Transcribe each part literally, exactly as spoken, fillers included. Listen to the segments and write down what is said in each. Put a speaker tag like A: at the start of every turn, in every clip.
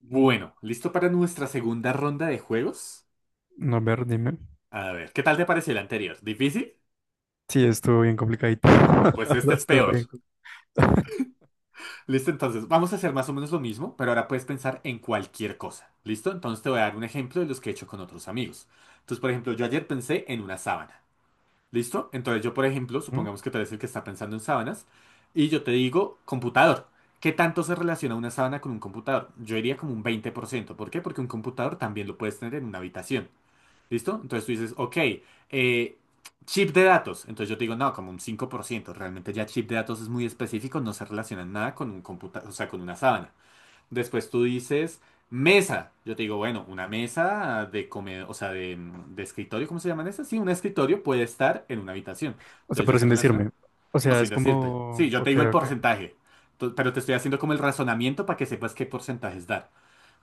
A: Bueno, ¿listo para nuestra segunda ronda de juegos?
B: No, a ver, dime.
A: A ver, ¿qué tal te pareció el anterior? ¿Difícil?
B: Sí, estuvo bien complicadito.
A: Bueno,
B: La
A: pues este
B: verdad,
A: es
B: estuvo
A: peor.
B: bien complicado.
A: Listo, entonces vamos a hacer más o menos lo mismo, pero ahora puedes pensar en cualquier cosa. ¿Listo? Entonces te voy a dar un ejemplo de los que he hecho con otros amigos. Entonces, por ejemplo, yo ayer pensé en una sábana. ¿Listo? Entonces yo, por ejemplo,
B: Ujú.
A: supongamos que tú eres el que está pensando en sábanas, y yo te digo computador. ¿Qué tanto se relaciona una sábana con un computador? Yo diría como un veinte por ciento. ¿Por qué? Porque un computador también lo puedes tener en una habitación. ¿Listo? Entonces tú dices, ok, eh, chip de datos. Entonces yo te digo, no, como un cinco por ciento. Realmente ya chip de datos es muy específico, no se relaciona en nada con un computador, o sea, con una sábana. Después tú dices, mesa. Yo te digo, bueno, una mesa de comedor, o sea, de, de escritorio, ¿cómo se llaman esas? Sí, un escritorio puede estar en una habitación.
B: O sea,
A: Entonces ya
B: pero
A: se
B: sin
A: relaciona.
B: decirme. O
A: No,
B: sea,
A: sin
B: es
A: decirte.
B: como,
A: Sí, yo te
B: ok,
A: digo el
B: ok.
A: porcentaje. Tu- Pero te estoy haciendo como el razonamiento para que sepas qué porcentajes dar.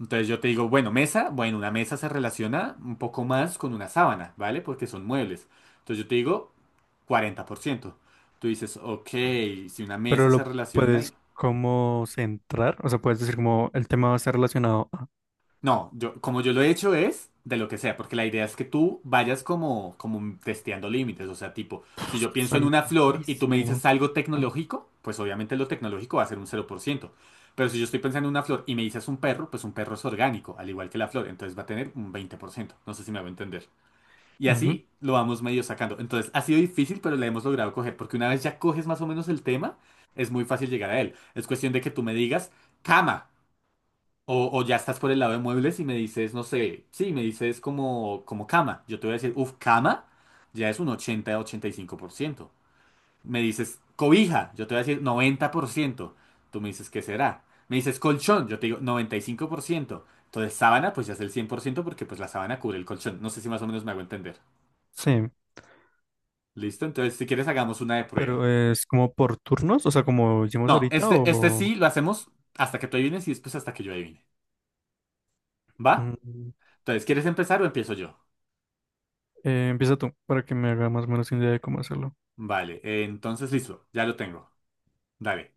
A: Entonces yo te digo, bueno, mesa, bueno, una mesa se relaciona un poco más con una sábana, ¿vale? Porque son muebles. Entonces yo te digo cuarenta por ciento. Tú dices, ok, si una
B: Pero
A: mesa
B: lo
A: se relaciona...
B: puedes como centrar. O sea, puedes decir como el tema va a estar relacionado. Ah,
A: No, yo, como yo lo he hecho es de lo que sea, porque la idea es que tú vayas como, como testeando límites. O sea, tipo, si yo
B: está
A: pienso en una flor y tú me
B: amplísimo.
A: dices algo tecnológico, pues obviamente lo tecnológico va a ser un cero por ciento. Pero si yo estoy pensando en una flor y me dices un perro, pues un perro es orgánico, al igual que la flor, entonces va a tener un veinte por ciento. No sé si me va a entender. Y
B: Ujú.
A: así lo vamos medio sacando. Entonces, ha sido difícil, pero la hemos logrado coger, porque una vez ya coges más o menos el tema, es muy fácil llegar a él. Es cuestión de que tú me digas, cama, o, o ya estás por el lado de muebles y me dices, no sé, sí, me dices como, como cama. Yo te voy a decir, uff, cama, ya es un ochenta ochenta y cinco por ciento. Me dices, cobija, yo te voy a decir noventa por ciento. Tú me dices, ¿qué será? Me dices, colchón, yo te digo noventa y cinco por ciento. Entonces, sábana, pues ya es el cien por ciento porque pues la sábana cubre el colchón. No sé si más o menos me hago entender.
B: Sí.
A: Listo, entonces si quieres hagamos una de
B: Pero
A: prueba.
B: es como por turnos, o sea, como hicimos
A: No,
B: ahorita,
A: este, este
B: o
A: sí lo hacemos hasta que tú adivines y después hasta que yo adivine. ¿Va?
B: mm,
A: Entonces, ¿quieres empezar o empiezo yo?
B: eh, empieza tú para que me haga más o menos una idea de cómo hacerlo.
A: Vale, eh, entonces listo, ya lo tengo. Dale,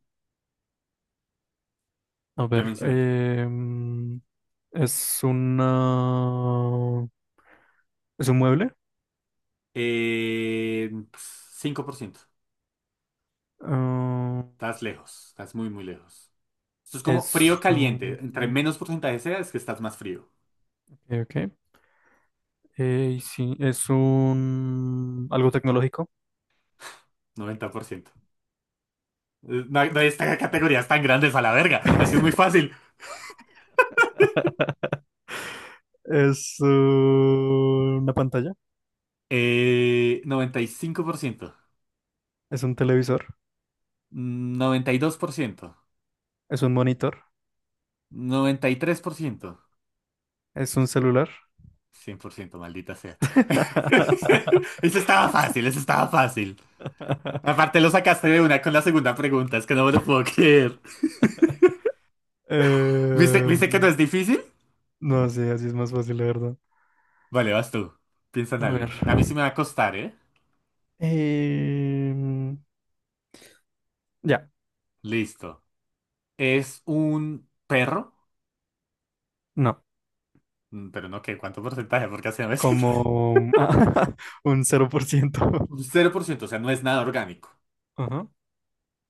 B: A
A: ve
B: ver,
A: mencionando.
B: eh, mm, es una, es un mueble.
A: Eh, cinco por ciento.
B: ah,
A: Estás lejos, estás muy, muy lejos. Esto es como frío
B: es
A: caliente. Entre
B: un,
A: menos porcentaje sea, es que estás más frío.
B: ok, ok. Eh, y sí, es un algo tecnológico.
A: noventa por ciento. Eh, No hay, no hay esta- categorías tan grandes a la verga. Así es muy fácil.
B: Es una pantalla,
A: Eh, noventa y cinco por ciento.
B: es un televisor,
A: Mm, noventa y dos por ciento.
B: es un monitor,
A: noventa y tres por ciento.
B: es un celular.
A: cien por ciento, maldita sea. Eso estaba fácil, eso estaba fácil. Aparte lo sacaste de una con la segunda pregunta, es que no me lo puedo creer. ¿Viste,
B: Eh,
A: viste que no es difícil?
B: no sé, así es más fácil, la verdad.
A: Vale, vas tú. Piensa en
B: A ver.
A: algo. A mí sí me va a costar, ¿eh?
B: Em, ya,
A: Listo. Es un perro.
B: no.
A: Mm, pero no, ¿qué? ¿Cuánto porcentaje? Porque así no me sirve.
B: Como ah, un cero por ciento.
A: Cero por ciento, o sea, no es nada orgánico.
B: Ajá.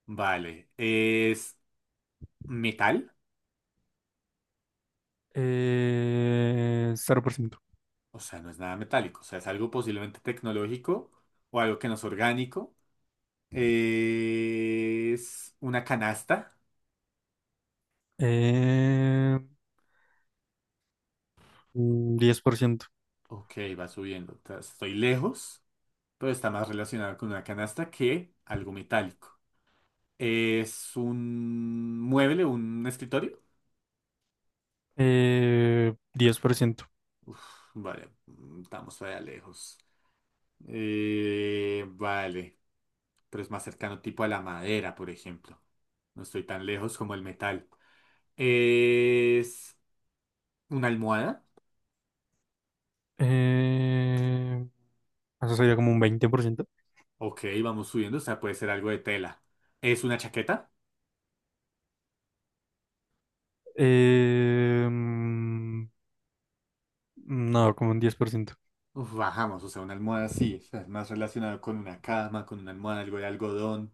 A: Vale. ¿Es metal?
B: Eh, cero por ciento.
A: O sea, no es nada metálico. O sea, es algo posiblemente tecnológico o algo que no es orgánico. Es una canasta.
B: Eh, mm, Diez por ciento.
A: Ok, va subiendo. Ta- Estoy lejos, pero está más relacionado con una canasta que algo metálico. Es un mueble, un escritorio.
B: Eh, diez por ciento.
A: Vale, mm, estamos todavía lejos. Eh, vale, pero es más cercano tipo a la madera, por ejemplo. No estoy tan lejos como el metal. Es una almohada.
B: Eh, Eso sería como un veinte por ciento.
A: Ok, vamos subiendo. O sea, puede ser algo de tela. Es una chaqueta.
B: Eh, mm, no, como un diez por ciento.
A: Uf, bajamos, o sea, una almohada sí, o sea, es más relacionado con una cama, con una almohada, algo de algodón.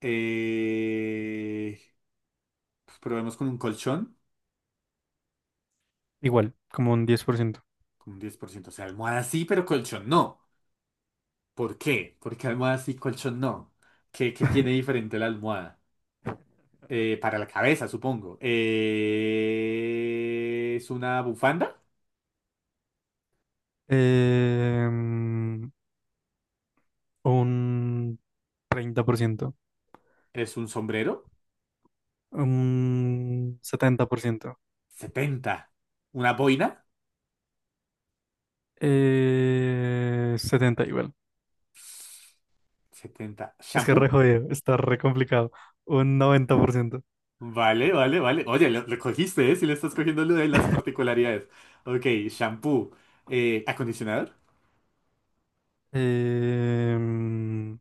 A: Eh, pues probemos con un colchón,
B: Igual, como un diez por ciento.
A: con un diez por ciento. O sea, almohada sí, pero colchón no. ¿Por qué? Porque almohada sí, colchón no. ¿Qué, qué tiene diferente la almohada? Eh, para la cabeza, supongo. Eh, ¿es una bufanda?
B: Em, un treinta por ciento,
A: ¿Es un sombrero?
B: un setenta por ciento,
A: Setenta. ¿Una boina?
B: eh, setenta igual.
A: Setenta.
B: Es que re
A: ¿Shampoo?
B: jodido, está re complicado. Un noventa por ciento,
A: Vale, vale, vale. Oye, lo, lo cogiste, ¿eh? Si le estás cogiendo lo de las particularidades. Ok, shampoo. Eh, ¿acondicionador?
B: em,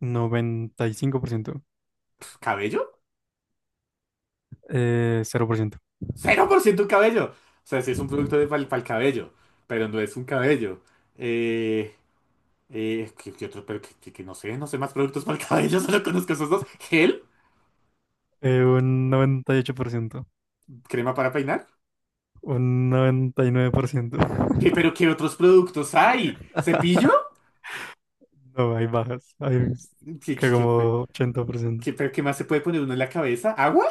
B: noventa y cinco por ciento,
A: Pf, ¿cabello?
B: eh, cero por ciento,
A: ¡Cero por ciento cabello! O sea, sí es un producto de, para el cabello, pero no es un cabello. Eh, eh, ¿qué, qué otro? Pero que, que- que no sé, no sé más productos para el cabello. Solo conozco esos dos. ¿Gel?
B: eh, un noventa y ocho por ciento,
A: ¿Crema para peinar?
B: un noventa y nueve por ciento.
A: ¿Qué, pero qué otros productos hay? ¿Cepillo?
B: No, hay bajas, hay
A: ¿Qué,
B: que
A: qué, qué, qué-
B: como ochenta por ciento.
A: qué- pero qué más se puede poner uno en la cabeza? ¿Agua?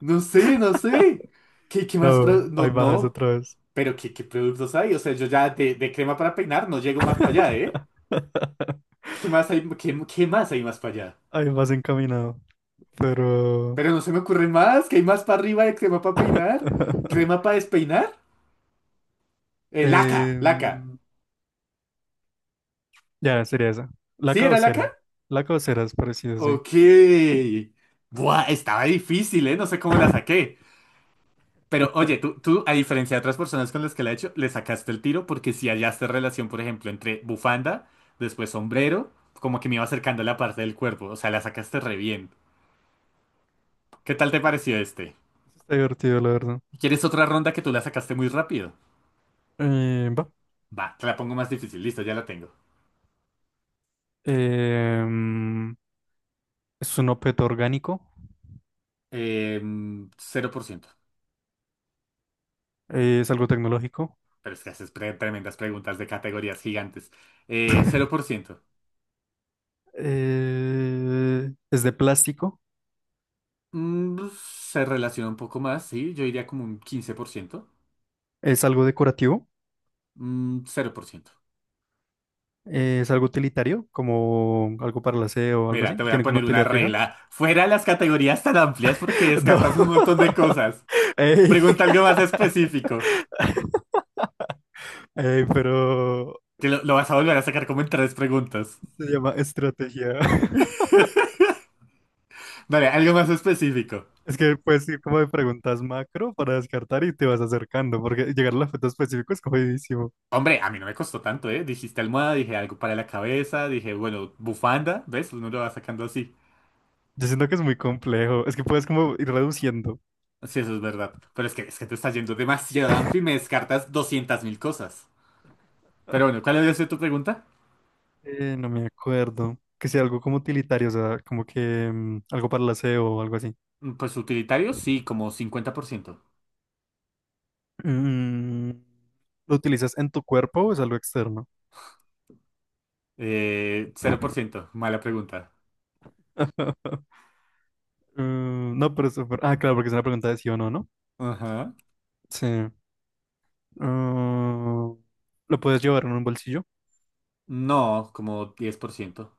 A: No sé, no sé. ¿Qué, qué más?
B: No,
A: pro- No,
B: ahí bajas
A: no.
B: otra vez.
A: Pero ¿qué, qué productos hay? O sea, yo ya de, de crema para peinar no llego más para allá, ¿eh? ¿Qué más hay, qué, qué más hay más para allá?
B: Ahí vas encaminado. Pero.
A: Pero no se me ocurre más. ¿Qué hay más para arriba de crema para peinar? ¿Crema para despeinar? Eh, laca, laca.
B: em, ya, sería esa. La
A: ¿Sí era laca?
B: caucera. La caucera es parecida, sí.
A: Ok. Buah, estaba difícil, ¿eh? No sé cómo la saqué. Pero oye, tú, tú, a diferencia de otras personas con las que la he hecho, le sacaste el tiro porque si hallaste relación, por ejemplo, entre bufanda, después sombrero, como que me iba acercando a la parte del cuerpo. O sea, la sacaste re bien. ¿Qué tal te pareció este?
B: Está divertido, la verdad.
A: ¿Quieres otra ronda que tú la sacaste muy rápido?
B: Eh, va.
A: Va, te la pongo más difícil. Listo, ya la tengo.
B: Em, es un objeto orgánico.
A: Em, cero por ciento.
B: Eh, es algo tecnológico.
A: Pero es que haces pre- tremendas preguntas de categorías gigantes. Eh, cero por ciento.
B: Eh, es de plástico.
A: Mm, se relaciona un poco más, sí. Yo diría como un quince por ciento.
B: Es algo decorativo.
A: Mm, cero por ciento.
B: Eh, es algo utilitario, como algo para el aseo o algo
A: Mira,
B: así.
A: te voy a
B: Tiene como una
A: poner una
B: utilidad fija.
A: regla. Fuera las categorías tan amplias porque
B: No.
A: descartas un montón de cosas.
B: Ey.
A: Pregunta algo más específico.
B: Ey, pero
A: Que lo, lo vas a volver a sacar como en tres preguntas.
B: se llama estrategia.
A: Vale, algo más específico.
B: Es que puedes ir como de preguntas macro para descartar y te vas acercando, porque llegar a al objeto específico es jodidísimo.
A: Hombre, a mí no me costó tanto, ¿eh? Dijiste almohada, dije algo para la cabeza, dije, bueno, bufanda, ¿ves? Uno lo va sacando así.
B: Yo siento que es muy complejo. Es que puedes como ir reduciendo.
A: Sí, eso es verdad. Pero es que, es que te estás yendo demasiado amplio y me descartas doscientas mil cosas. Pero bueno, ¿cuál había sido tu pregunta?
B: Eh, no me acuerdo. Que sea algo como utilitario, o sea, como que mm, algo para el aseo o algo así.
A: Mm, Pues utilitario, sí, como cincuenta por ciento.
B: Mm, ¿Lo utilizas en tu cuerpo o es algo externo?
A: Eh, cero por ciento, mala pregunta.
B: Mm, no, pero eso- pero- ah, claro, porque es una pregunta de sí o no, ¿no?
A: Ajá.
B: Sí. Mm, ¿Lo puedes llevar en un bolsillo?
A: No, como diez por ciento.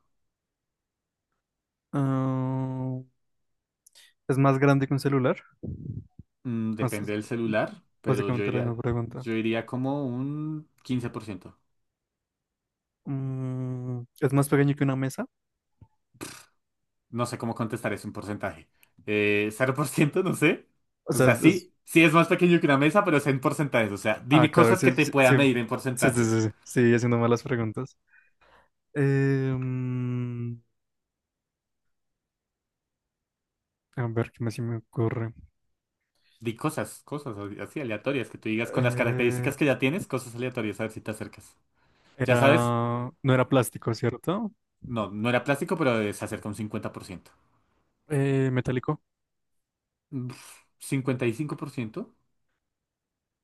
B: Ah, ¿es más grande que un celular?
A: Mm,
B: Es- es
A: depende del celular, pero yo
B: básicamente la
A: iría,
B: misma pregunta.
A: yo iría como un quince por ciento.
B: Mm, ¿es más pequeño que una mesa?
A: No sé cómo contestar es un porcentaje. Eh, ¿cero por ciento? No sé.
B: O
A: O
B: sea,
A: sea,
B: es... es-
A: sí, sí es más pequeño que una mesa, pero es en porcentajes. O sea,
B: ah,
A: dime
B: claro,
A: cosas
B: sí,
A: que te
B: sí,
A: pueda
B: sí,
A: medir en
B: sí, sí,
A: porcentajes.
B: sí, sí, sigue haciendo malas preguntas. Eh, mm, a ver, ¿qué más se me ocurre?
A: Di cosas, cosas así aleatorias que tú digas con las
B: Eh,
A: características que ya tienes, cosas aleatorias, a ver si te acercas. Ya sabes,
B: era... No era plástico, ¿cierto?
A: no, no era plástico, pero se acerca un cincuenta por ciento.
B: Eh, metálico.
A: Uf, ¿cincuenta y cinco por ciento?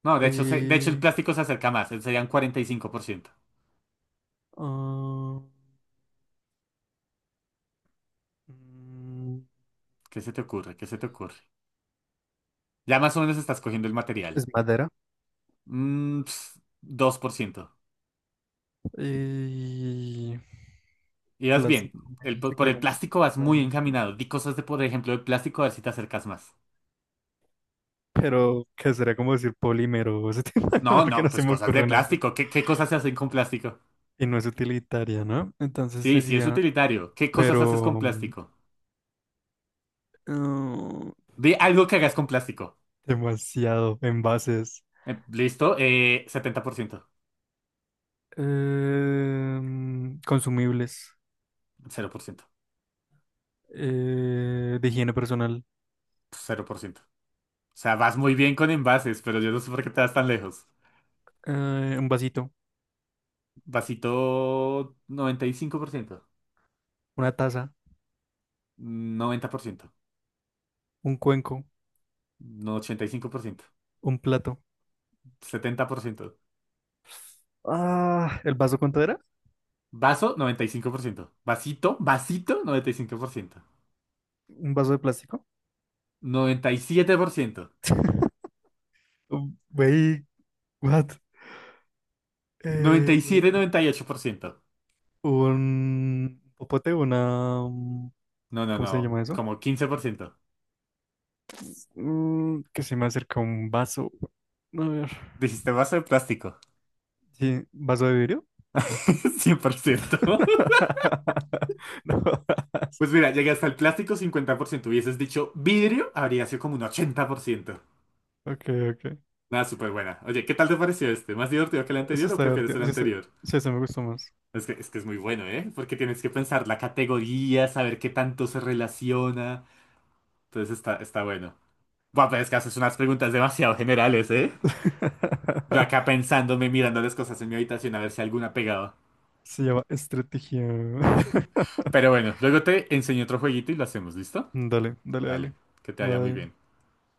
A: No, de hecho, se- de hecho el
B: Y...
A: plástico se acerca más, eh, serían cuarenta y cinco por ciento.
B: ah, mm,
A: ¿Qué se te ocurre? ¿Qué se te ocurre? Ya más o menos estás cogiendo el material.
B: ¿Es madera?
A: Mm, ps, dos por ciento.
B: Y
A: Irás bien.
B: plástico me
A: El,
B: dijiste que
A: por
B: era
A: el
B: como
A: plástico vas muy
B: cincuenta,
A: encaminado. Di cosas de, por ejemplo, de plástico, a ver si te acercas más.
B: pero que sería como decir polímero o ese tipo,
A: No,
B: porque
A: no,
B: no se
A: pues
B: me
A: cosas de
B: ocurre nada más.
A: plástico. ¿Qué, qué cosas se hacen con plástico?
B: Y no es utilitaria, ¿no? Entonces
A: Sí, sí, es
B: sería,
A: utilitario. ¿Qué cosas haces
B: pero
A: con plástico?
B: mm,
A: Di algo que hagas con plástico.
B: demasiado envases,
A: Eh, listo, eh, setenta por ciento.
B: em, consumibles,
A: Cero por ciento.
B: eh, de higiene personal,
A: Cero por ciento. O sea, vas muy bien con envases, pero yo no sé por qué te vas tan lejos.
B: eh, un vasito,
A: Vasito, noventa noventa y cinco por ciento.
B: una taza,
A: Noventa por ciento.
B: un cuenco,
A: No, ochenta y cinco por ciento.
B: un plato.
A: Setenta por ciento.
B: Ah, ¿el vaso cuánto era?
A: Vaso, noventa y cinco por ciento. Vasito, vasito, noventa
B: ¿Un vaso de plástico?
A: noventa noventa noventa y y y cinco por ciento.
B: Güey, what? Eh,
A: Noventa y siete por ciento, ciento siete siete, noventa y ocho por ciento.
B: un popote, una... um,
A: No, no,
B: ¿cómo se
A: no,
B: llama eso?
A: como quince por ciento.
B: Mm, que se me acerca un vaso. A ver.
A: Dijiste vaso de plástico.
B: Sí, ¿vaso de vidrio?
A: Cien por ciento.
B: No.
A: Pues mira, llegué hasta el plástico cincuenta por ciento. Hubieses dicho vidrio, habría sido como un ochenta por ciento.
B: Ok, ok.
A: Nada, súper buena. Oye, ¿qué tal te pareció este? ¿Más divertido que el
B: Eso
A: anterior o
B: está
A: prefieres
B: divertido.
A: el
B: Sí, sí,
A: anterior?
B: sí, ese me gustó más.
A: Es que, es que es muy bueno, ¿eh? Porque tienes que pensar la categoría, saber qué tanto se relaciona. Entonces está, está bueno. Guau, pero es que haces unas preguntas demasiado generales, ¿eh? Yo acá pensándome, mirando las cosas en mi habitación a ver si alguna pegaba.
B: Se llama estrategia.
A: Pero bueno, luego te enseño otro jueguito y lo hacemos, ¿listo?
B: Dale, dale,
A: Dale,
B: dale.
A: que te vaya muy bien.
B: Bye.